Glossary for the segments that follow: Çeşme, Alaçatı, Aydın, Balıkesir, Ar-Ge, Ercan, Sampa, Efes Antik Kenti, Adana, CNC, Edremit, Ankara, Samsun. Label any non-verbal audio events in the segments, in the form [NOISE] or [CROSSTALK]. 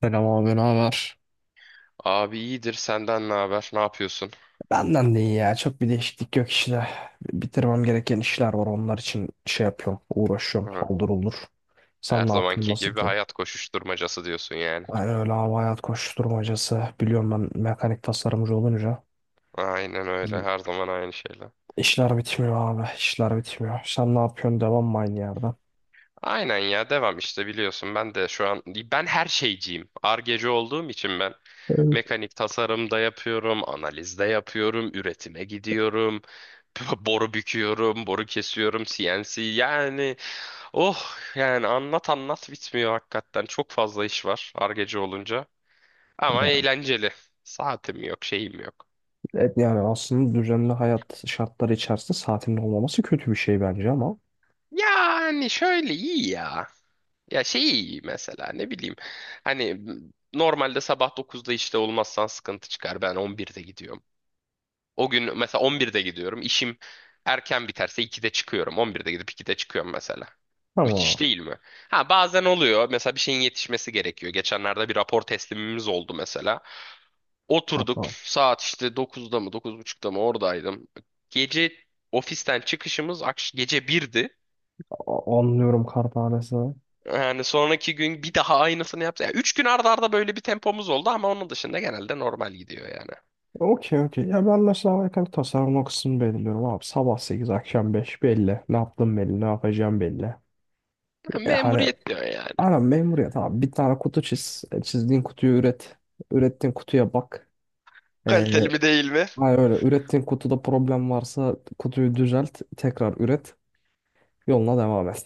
Selam abi, ne haber? Abi iyidir, senden ne haber? Ne yapıyorsun? Benden de iyi ya. Çok bir değişiklik yok işte. Bitirmem gereken işler var. Onlar için şey yapıyorum. Uğraşıyorum. Hı. Haldır olur. Her Sen ne yapıyorsun? zamanki Nasıl gibi gidiyor? hayat koşuşturmacası diyorsun yani. Yani öyle abi hayat koşuşturmacası. Biliyorum ben mekanik tasarımcı olunca. Aynen öyle. Bizim Her zaman aynı şeyler. işler bitmiyor abi. İşler bitmiyor. Sen ne yapıyorsun? Devam mı aynı yerden? Aynen ya devam işte, biliyorsun ben de şu an ben her şeyciyim. Ar-Ge'ci olduğum için ben Evet. mekanik tasarımda yapıyorum, analizde yapıyorum, üretime gidiyorum, [LAUGHS] boru büküyorum, boru kesiyorum, CNC yani oh, yani anlat anlat bitmiyor, hakikaten çok fazla iş var Ar-Ge'ci olunca ama Yani, eğlenceli. Saatim yok, şeyim yok. yani aslında düzenli hayat şartları içerisinde saatinin olmaması kötü bir şey bence ama. Yani şöyle iyi ya. Ya şey iyi mesela, ne bileyim. Hani normalde sabah 9'da işte olmazsan sıkıntı çıkar. Ben 11'de gidiyorum. O gün mesela 11'de gidiyorum. İşim erken biterse 2'de çıkıyorum. 11'de gidip 2'de çıkıyorum mesela. Müthiş ama değil mi? Ha, bazen oluyor. Mesela bir şeyin yetişmesi gerekiyor. Geçenlerde bir rapor teslimimiz oldu mesela. Oturduk, Tamam. saat işte 9'da mı 9.30'da mı oradaydım. Gece ofisten çıkışımız gece 1'di. Anlıyorum kartanesi. Yani sonraki gün bir daha aynısını yapsa. Yani 3 gün arda arda böyle bir tempomuz oldu ama onun dışında genelde normal gidiyor yani. Okey, okey. Ya ben mesela alakalı tasarım o kısmını belirliyorum abi. Sabah 8 akşam 5 belli. Ne yaptım belli. Ne yapacağım belli. Ha, E, hani memuriyet diyor yani. aynen memuriyet abi. Bir tane kutu çiz. Çizdiğin kutuyu üret. Ürettiğin kutuya bak. Kaliteli E, mi değil mi? Hani öyle ürettiğin kutuda problem varsa kutuyu düzelt. Tekrar üret. Yoluna devam et.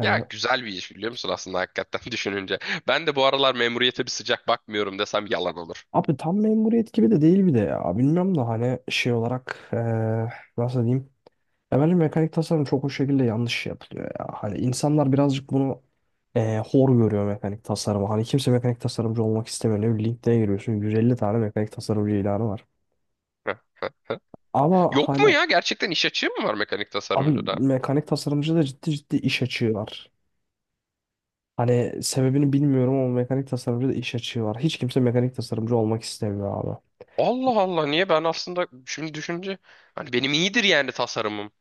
Ya güzel bir iş, biliyor musun aslında, hakikaten [LAUGHS] düşününce. Ben de bu aralar memuriyete bir sıcak bakmıyorum desem yalan olur. abi tam memuriyet gibi de değil bir de ya. Bilmiyorum da hani şey olarak nasıl diyeyim. Ya bence mekanik tasarım çok o şekilde yanlış yapılıyor ya. Hani insanlar birazcık bunu hor görüyor mekanik tasarımı. Hani kimse mekanik tasarımcı olmak istemiyor. Ne bileyim LinkedIn'e giriyorsun 150 tane mekanik tasarımcı ilanı var. Heh. Ama Yok mu hani ya? Gerçekten iş açığı mı var mekanik abi tasarımcıda? mekanik tasarımcı da ciddi ciddi iş açığı var. Hani sebebini bilmiyorum ama mekanik tasarımcı da iş açığı var. Hiç kimse mekanik tasarımcı olmak istemiyor abi. Allah Allah, niye, ben aslında şimdi düşünce hani benim iyidir yani tasarımım.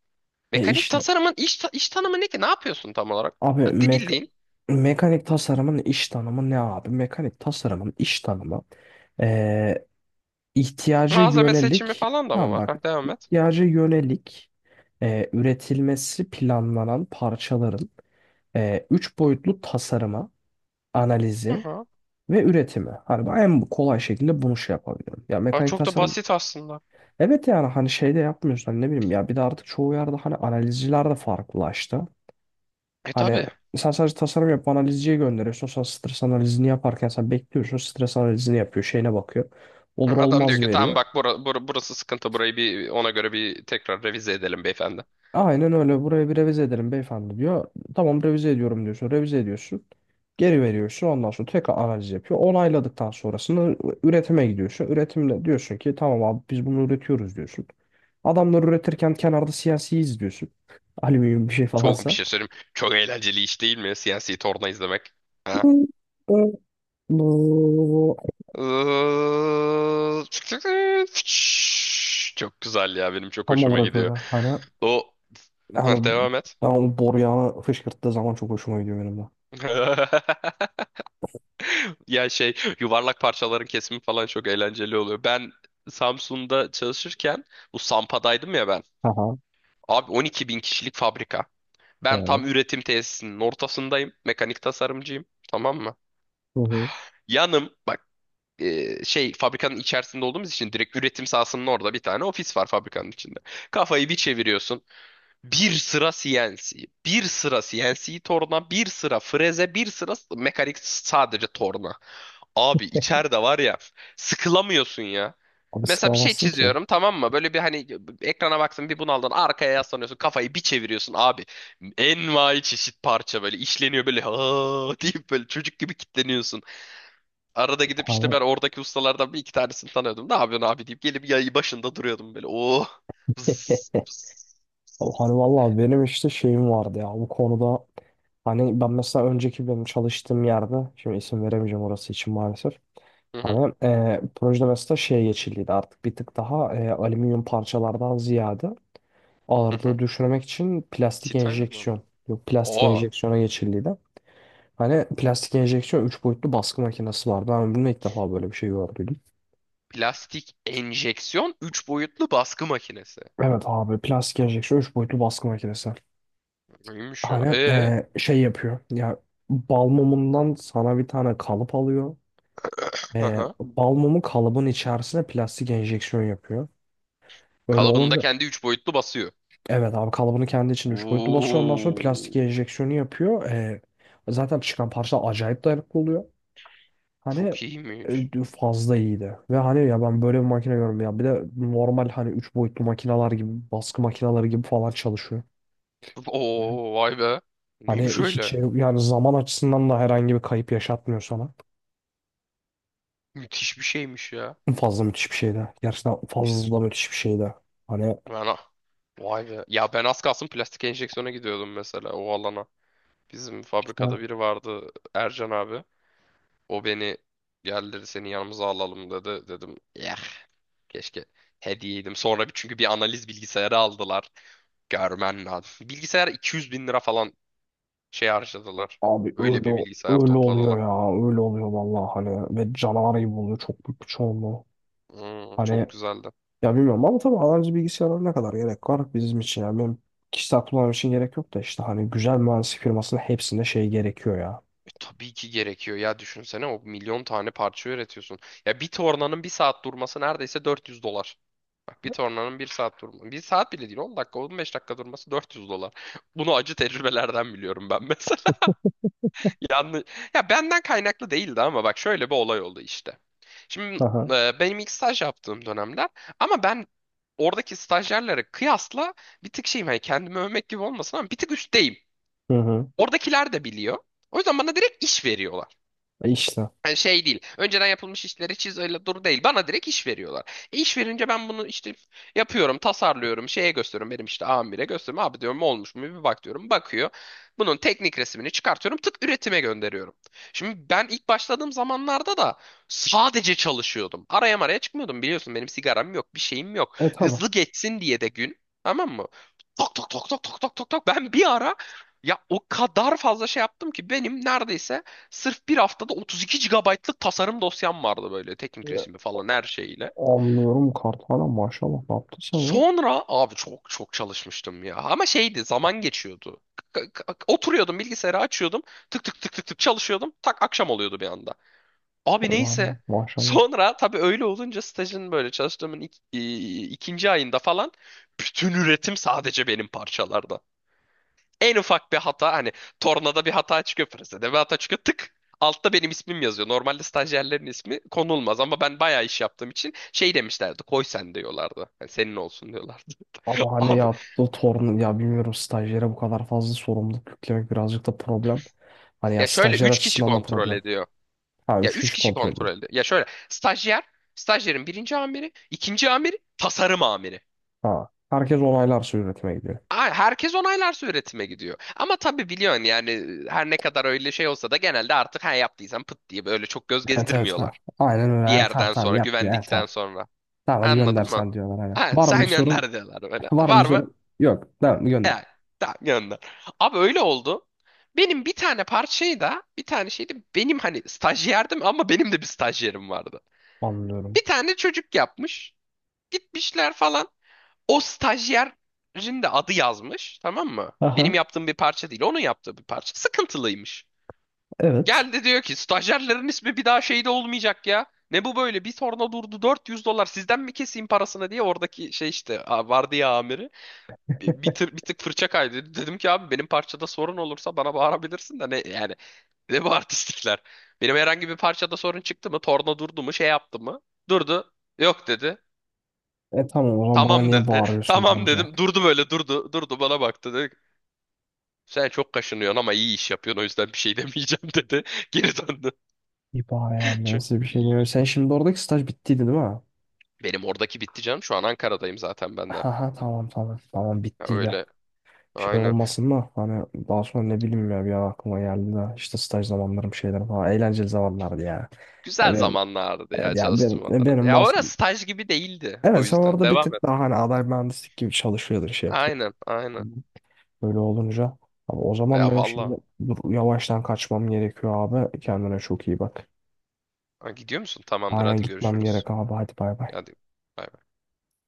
E Mekanik işte tasarımın iş tanımı ne ki? Ne yapıyorsun tam olarak? abi Hadi mek bildiğin mekanik tasarımın iş tanımı ne abi? Mekanik tasarımın iş tanımı e, ihtiyaca malzeme seçimi yönelik, falan da mı tamam var? bak, Heh, devam et. ihtiyaca yönelik üretilmesi planlanan parçaların üç boyutlu tasarıma, Hı analizi hı. ve üretimi. Hani ben en kolay şekilde bunu şey yapabiliyorum. Ya Ha, mekanik çok da tasarım basit aslında. evet, yani hani şeyde yapmıyorsun, hani ne bileyim ya, bir de artık çoğu yerde hani analizciler de farklılaştı. E Hani tabii. sen sadece tasarım yapıp analizciye gönderiyorsun. Sonra stres analizini yaparken sen bekliyorsun. Stres analizini yapıyor. Şeyine bakıyor. Olur Adam diyor olmaz ki tamam veriyor. bak, burası sıkıntı, burayı bir ona göre bir tekrar revize edelim beyefendi. Aynen öyle. Buraya bir revize edelim beyefendi diyor. Tamam revize ediyorum diyorsun. Revize ediyorsun. Geri veriyorsun. Ondan sonra tekrar analiz yapıyor. Onayladıktan sonrasında üretime gidiyorsun. Üretimle diyorsun ki tamam abi biz bunu üretiyoruz diyorsun. Adamlar üretirken kenarda CNC izliyorsun. [LAUGHS] Alüminyum bir şey Çok bir falansa. şey söyleyeyim. Çok eğlenceli iş değil mi? Siyasi torna izlemek. Ha? [LAUGHS] Çok güzel ya, benim çok Tam hoşuma olarak öyle. gidiyor. Hani O. Hah, yani devam et. ben o boruyanı fışkırttığı zaman çok hoşuma gidiyor benim de. [LAUGHS] Ya şey, yuvarlak parçaların kesimi falan çok eğlenceli oluyor. Ben Samsun'da çalışırken bu Sampa'daydım ya ben. Aha, Abi 12 bin kişilik fabrika. Ben evet. tam üretim tesisinin ortasındayım. Mekanik tasarımcıyım. Tamam mı? Hı hı. Yanım bak, şey fabrikanın içerisinde olduğumuz için direkt üretim sahasının orada bir tane ofis var fabrikanın içinde. Kafayı bir çeviriyorsun. Bir sıra CNC, bir sıra CNC torna, bir sıra freze, bir sıra mekanik sadece torna. Abi içeride var ya, sıkılamıyorsun ya. Abi Mesela bir şey sıkamazsın ki. çiziyorum tamam mı? Böyle bir hani ekrana baksın, bir bunaldın arkaya yaslanıyorsun, kafayı bir çeviriyorsun abi. Envai çeşit parça böyle işleniyor, böyle ha deyip böyle çocuk gibi kitleniyorsun. Arada gidip işte, Hani ben oradaki ustalardan bir iki tanesini tanıyordum. Ne yapıyorsun abi deyip gelip yayı başında duruyordum böyle. Oh. Vız, [LAUGHS] vız, Hani vız. vallahi benim işte şeyim vardı ya bu konuda, hani ben mesela önceki benim çalıştığım yerde, şimdi isim veremeyeceğim orası için maalesef. Hı hı Hani projede mesela şeye geçildiydi artık bir tık daha alüminyum parçalardan ziyade hı. ağırlığı Hı. düşürmek için plastik Tea time mı? enjeksiyon, yok plastik Oo. enjeksiyona geçildiydi. Hani plastik enjeksiyon 3 boyutlu baskı makinesi vardı. Ben bunu ilk defa böyle bir şey gördüm. Plastik enjeksiyon 3 boyutlu baskı makinesi. Evet abi, plastik enjeksiyon 3 boyutlu baskı makinesi. Neymiş ya? Hani Ee? Şey yapıyor. Ya bal mumundan sana bir tane kalıp alıyor. E, Aha. bal mumu kalıbın içerisine plastik enjeksiyon yapıyor. Öyle Kalıbında olunca kendi 3 boyutlu basıyor. evet abi, kalıbını kendi içinde 3 boyutlu basıyor. Ondan sonra plastik Oo, enjeksiyonu yapıyor. Zaten çıkan parça acayip dayanıklı oluyor. Hani çok iyiymiş. Fazla iyiydi. Ve hani ya, ben böyle bir makine görmedim ya. Bir de normal hani 3 boyutlu makineler gibi, baskı makineleri gibi falan çalışıyor. Oo, vay be. Hani Neymiş hiç öyle? Yani zaman açısından da herhangi bir kayıp yaşatmıyor sana. Müthiş bir şeymiş ya. Fazla müthiş bir şeydi. Gerçekten Biz fazla müthiş bir şeydi. Hani ben ah- vay be. Ya ben az kalsın plastik enjeksiyona gidiyordum mesela, o alana. Bizim işte fabrikada biri vardı, Ercan abi. O beni yerleri seni yanımıza alalım dedi. Dedim ya, keşke hediyeydim. Sonra çünkü bir analiz bilgisayarı aldılar. Görmen lazım. Bilgisayar 200 bin lira falan şey harcadılar. abi Öyle öyle bir bilgisayar öyle oluyor topladılar. ya. Öyle oluyor vallahi, hani ve canavar gibi oluyor çok büyük bir çoğunluğu. Hmm, Hani çok güzeldi. ya bilmiyorum ama tabii analojik bilgisayarlara ne kadar gerek var bizim için, yani benim kişisel kullanım için gerek yok da, işte hani güzel mühendislik firmasının hepsinde şey gerekiyor ya. E, tabii ki gerekiyor ya, düşünsene o milyon tane parça üretiyorsun. Ya bir tornanın bir saat durması neredeyse 400 dolar. Bak, bir tornanın bir saat durması. Bir saat bile değil, 10 dakika 15 dakika durması 400 dolar. [LAUGHS] Bunu acı tecrübelerden biliyorum ben mesela. Yanlış. Ya benden kaynaklı değildi ama bak şöyle bir olay oldu işte. Hı Şimdi hı. Benim ilk staj yaptığım dönemler, ama ben oradaki stajyerlere kıyasla bir tık şeyim, hani kendimi övmek gibi olmasın ama bir tık üstteyim. Hı hı. Oradakiler de biliyor. O yüzden bana direkt iş veriyorlar. E işte. Yani şey değil. Önceden yapılmış işleri çiz öyle dur değil. Bana direkt iş veriyorlar. E iş verince ben bunu işte yapıyorum, tasarlıyorum, şeye gösteriyorum. Benim işte amire gösteriyorum. Abi diyorum, olmuş mu bir bak diyorum. Bakıyor. Bunun teknik resmini çıkartıyorum. Tık, üretime gönderiyorum. Şimdi ben ilk başladığım zamanlarda da sadece çalışıyordum. Araya maraya çıkmıyordum, biliyorsun. Benim sigaram yok, bir şeyim yok. E tabii. Hızlı geçsin diye de gün. Tamam mı? Tok tok tok tok tok tok tok tok. Ben bir ara ya o kadar fazla şey yaptım ki benim neredeyse sırf bir haftada 32 gigabaytlık tasarım dosyam vardı böyle, teknik E, resimi falan her şeyle. Anlıyorum Karthala, maşallah ne yaptın sen lan? Sonra abi çok çok çalışmıştım ya. Ama şeydi, zaman geçiyordu. Oturuyordum, bilgisayarı açıyordum. Tık tık tık tık tık çalışıyordum. Tak, akşam oluyordu bir anda. Abi neyse. Yani maşallah. Sonra tabii öyle olunca stajın böyle çalıştığımın ikinci ayında falan bütün üretim sadece benim parçalarda. En ufak bir hata hani, tornada bir hata çıkıyor, presede bir hata çıkıyor, tık. Altta benim ismim yazıyor. Normalde stajyerlerin ismi konulmaz ama ben bayağı iş yaptığım için şey demişlerdi. Koy sen diyorlardı. Yani senin olsun diyorlardı. Ama [LAUGHS] hani Abi yaptığı torun ya, bilmiyorum, stajyere bu kadar fazla sorumluluk yüklemek birazcık da problem. Hani ya ya, şöyle stajyer 3 kişi açısından da kontrol problem. ediyor. Ha, Ya 3 3 kişi kişi kontrol kontrol ediyor. ediyor. Ya şöyle, stajyer, stajyerin birinci amiri, ikinci amiri, tasarım amiri. Ha, herkes onaylarsa üretime gidiyor. Aa, herkes onaylarsa üretime gidiyor. Ama tabii biliyorsun yani, her ne kadar öyle şey olsa da genelde artık ha yaptıysam pıt diye böyle çok göz Evet evet, ha. gezdirmiyorlar. Aynen öyle. Bir Ha, tamam yerden tamam sonra, yap diyor. Ha, güvendikten tamam. sonra. Tamam hadi gönder Anladın mı? sen diyorlar hani. Ha, Var mı bir sen sorun? gönder diyorlar böyle. Var mı bir Var mı? sorun? Yok. Tamam gönder. Evet. Tamam, gönder. Abi öyle oldu. Benim bir tane parçayı da, bir tane şeydi, benim hani stajyerdim ama benim de bir stajyerim vardı. Anlıyorum. Bir tane çocuk yapmış. Gitmişler falan. O stajyerin de adı yazmış. Tamam mı? Aha, Benim yaptığım bir parça değil. Onun yaptığı bir parça. Sıkıntılıymış. evet. Geldi diyor ki, stajyerlerin ismi bir daha şeyde olmayacak ya. Ne bu böyle? Bir torna durdu, 400 dolar sizden mi keseyim parasını diye, oradaki şey işte, vardı ya amiri, bir tık fırça kaydı. Dedim ki, abi benim parçada sorun olursa bana bağırabilirsin de ne yani, ne bu artistlikler. Benim herhangi bir parçada sorun çıktı mı? Torna durdu mu? Şey yaptı mı? Durdu. Yok dedi. E tamam, o zaman bana Tamam niye dedi. E, bağırıyorsun be tamam amca? dedim. Durdu böyle, durdu. Durdu bana baktı, dedi ki, sen çok kaşınıyorsun ama iyi iş yapıyorsun, o yüzden bir şey demeyeceğim dedi. [LAUGHS] Geri döndü. Bir bağır yani, Çok- nasıl bir şey diyor. Sen şimdi oradaki staj bittiydi değil mi? Benim oradaki bitti canım. Şu an Ankara'dayım zaten ben de. Aha, tamam tamam. Tamam Ya bittiydi. öyle. Şey Aynen. olmasın da, hani daha sonra ne bileyim ya, bir an aklıma geldi de işte staj zamanlarım, şeyler falan, eğlenceli zamanlardı ya. Ya Güzel benim, zamanlardı evet ya, ya benim, çalıştığım Adana. benim Ya bahs- orası staj gibi değildi. O evet sen yüzden. orada bir Devam et. tık daha hani aday mühendislik gibi çalışıyordun şey yapıyor. Aynen. Aynen. Böyle olunca abi, o zaman Ya benim valla. şimdi, dur, yavaştan kaçmam gerekiyor abi. Kendine çok iyi bak. Ha, gidiyor musun? Tamamdır. Aynen Hadi gitmem görüşürüz. gerek abi, hadi bay bay. Hadi.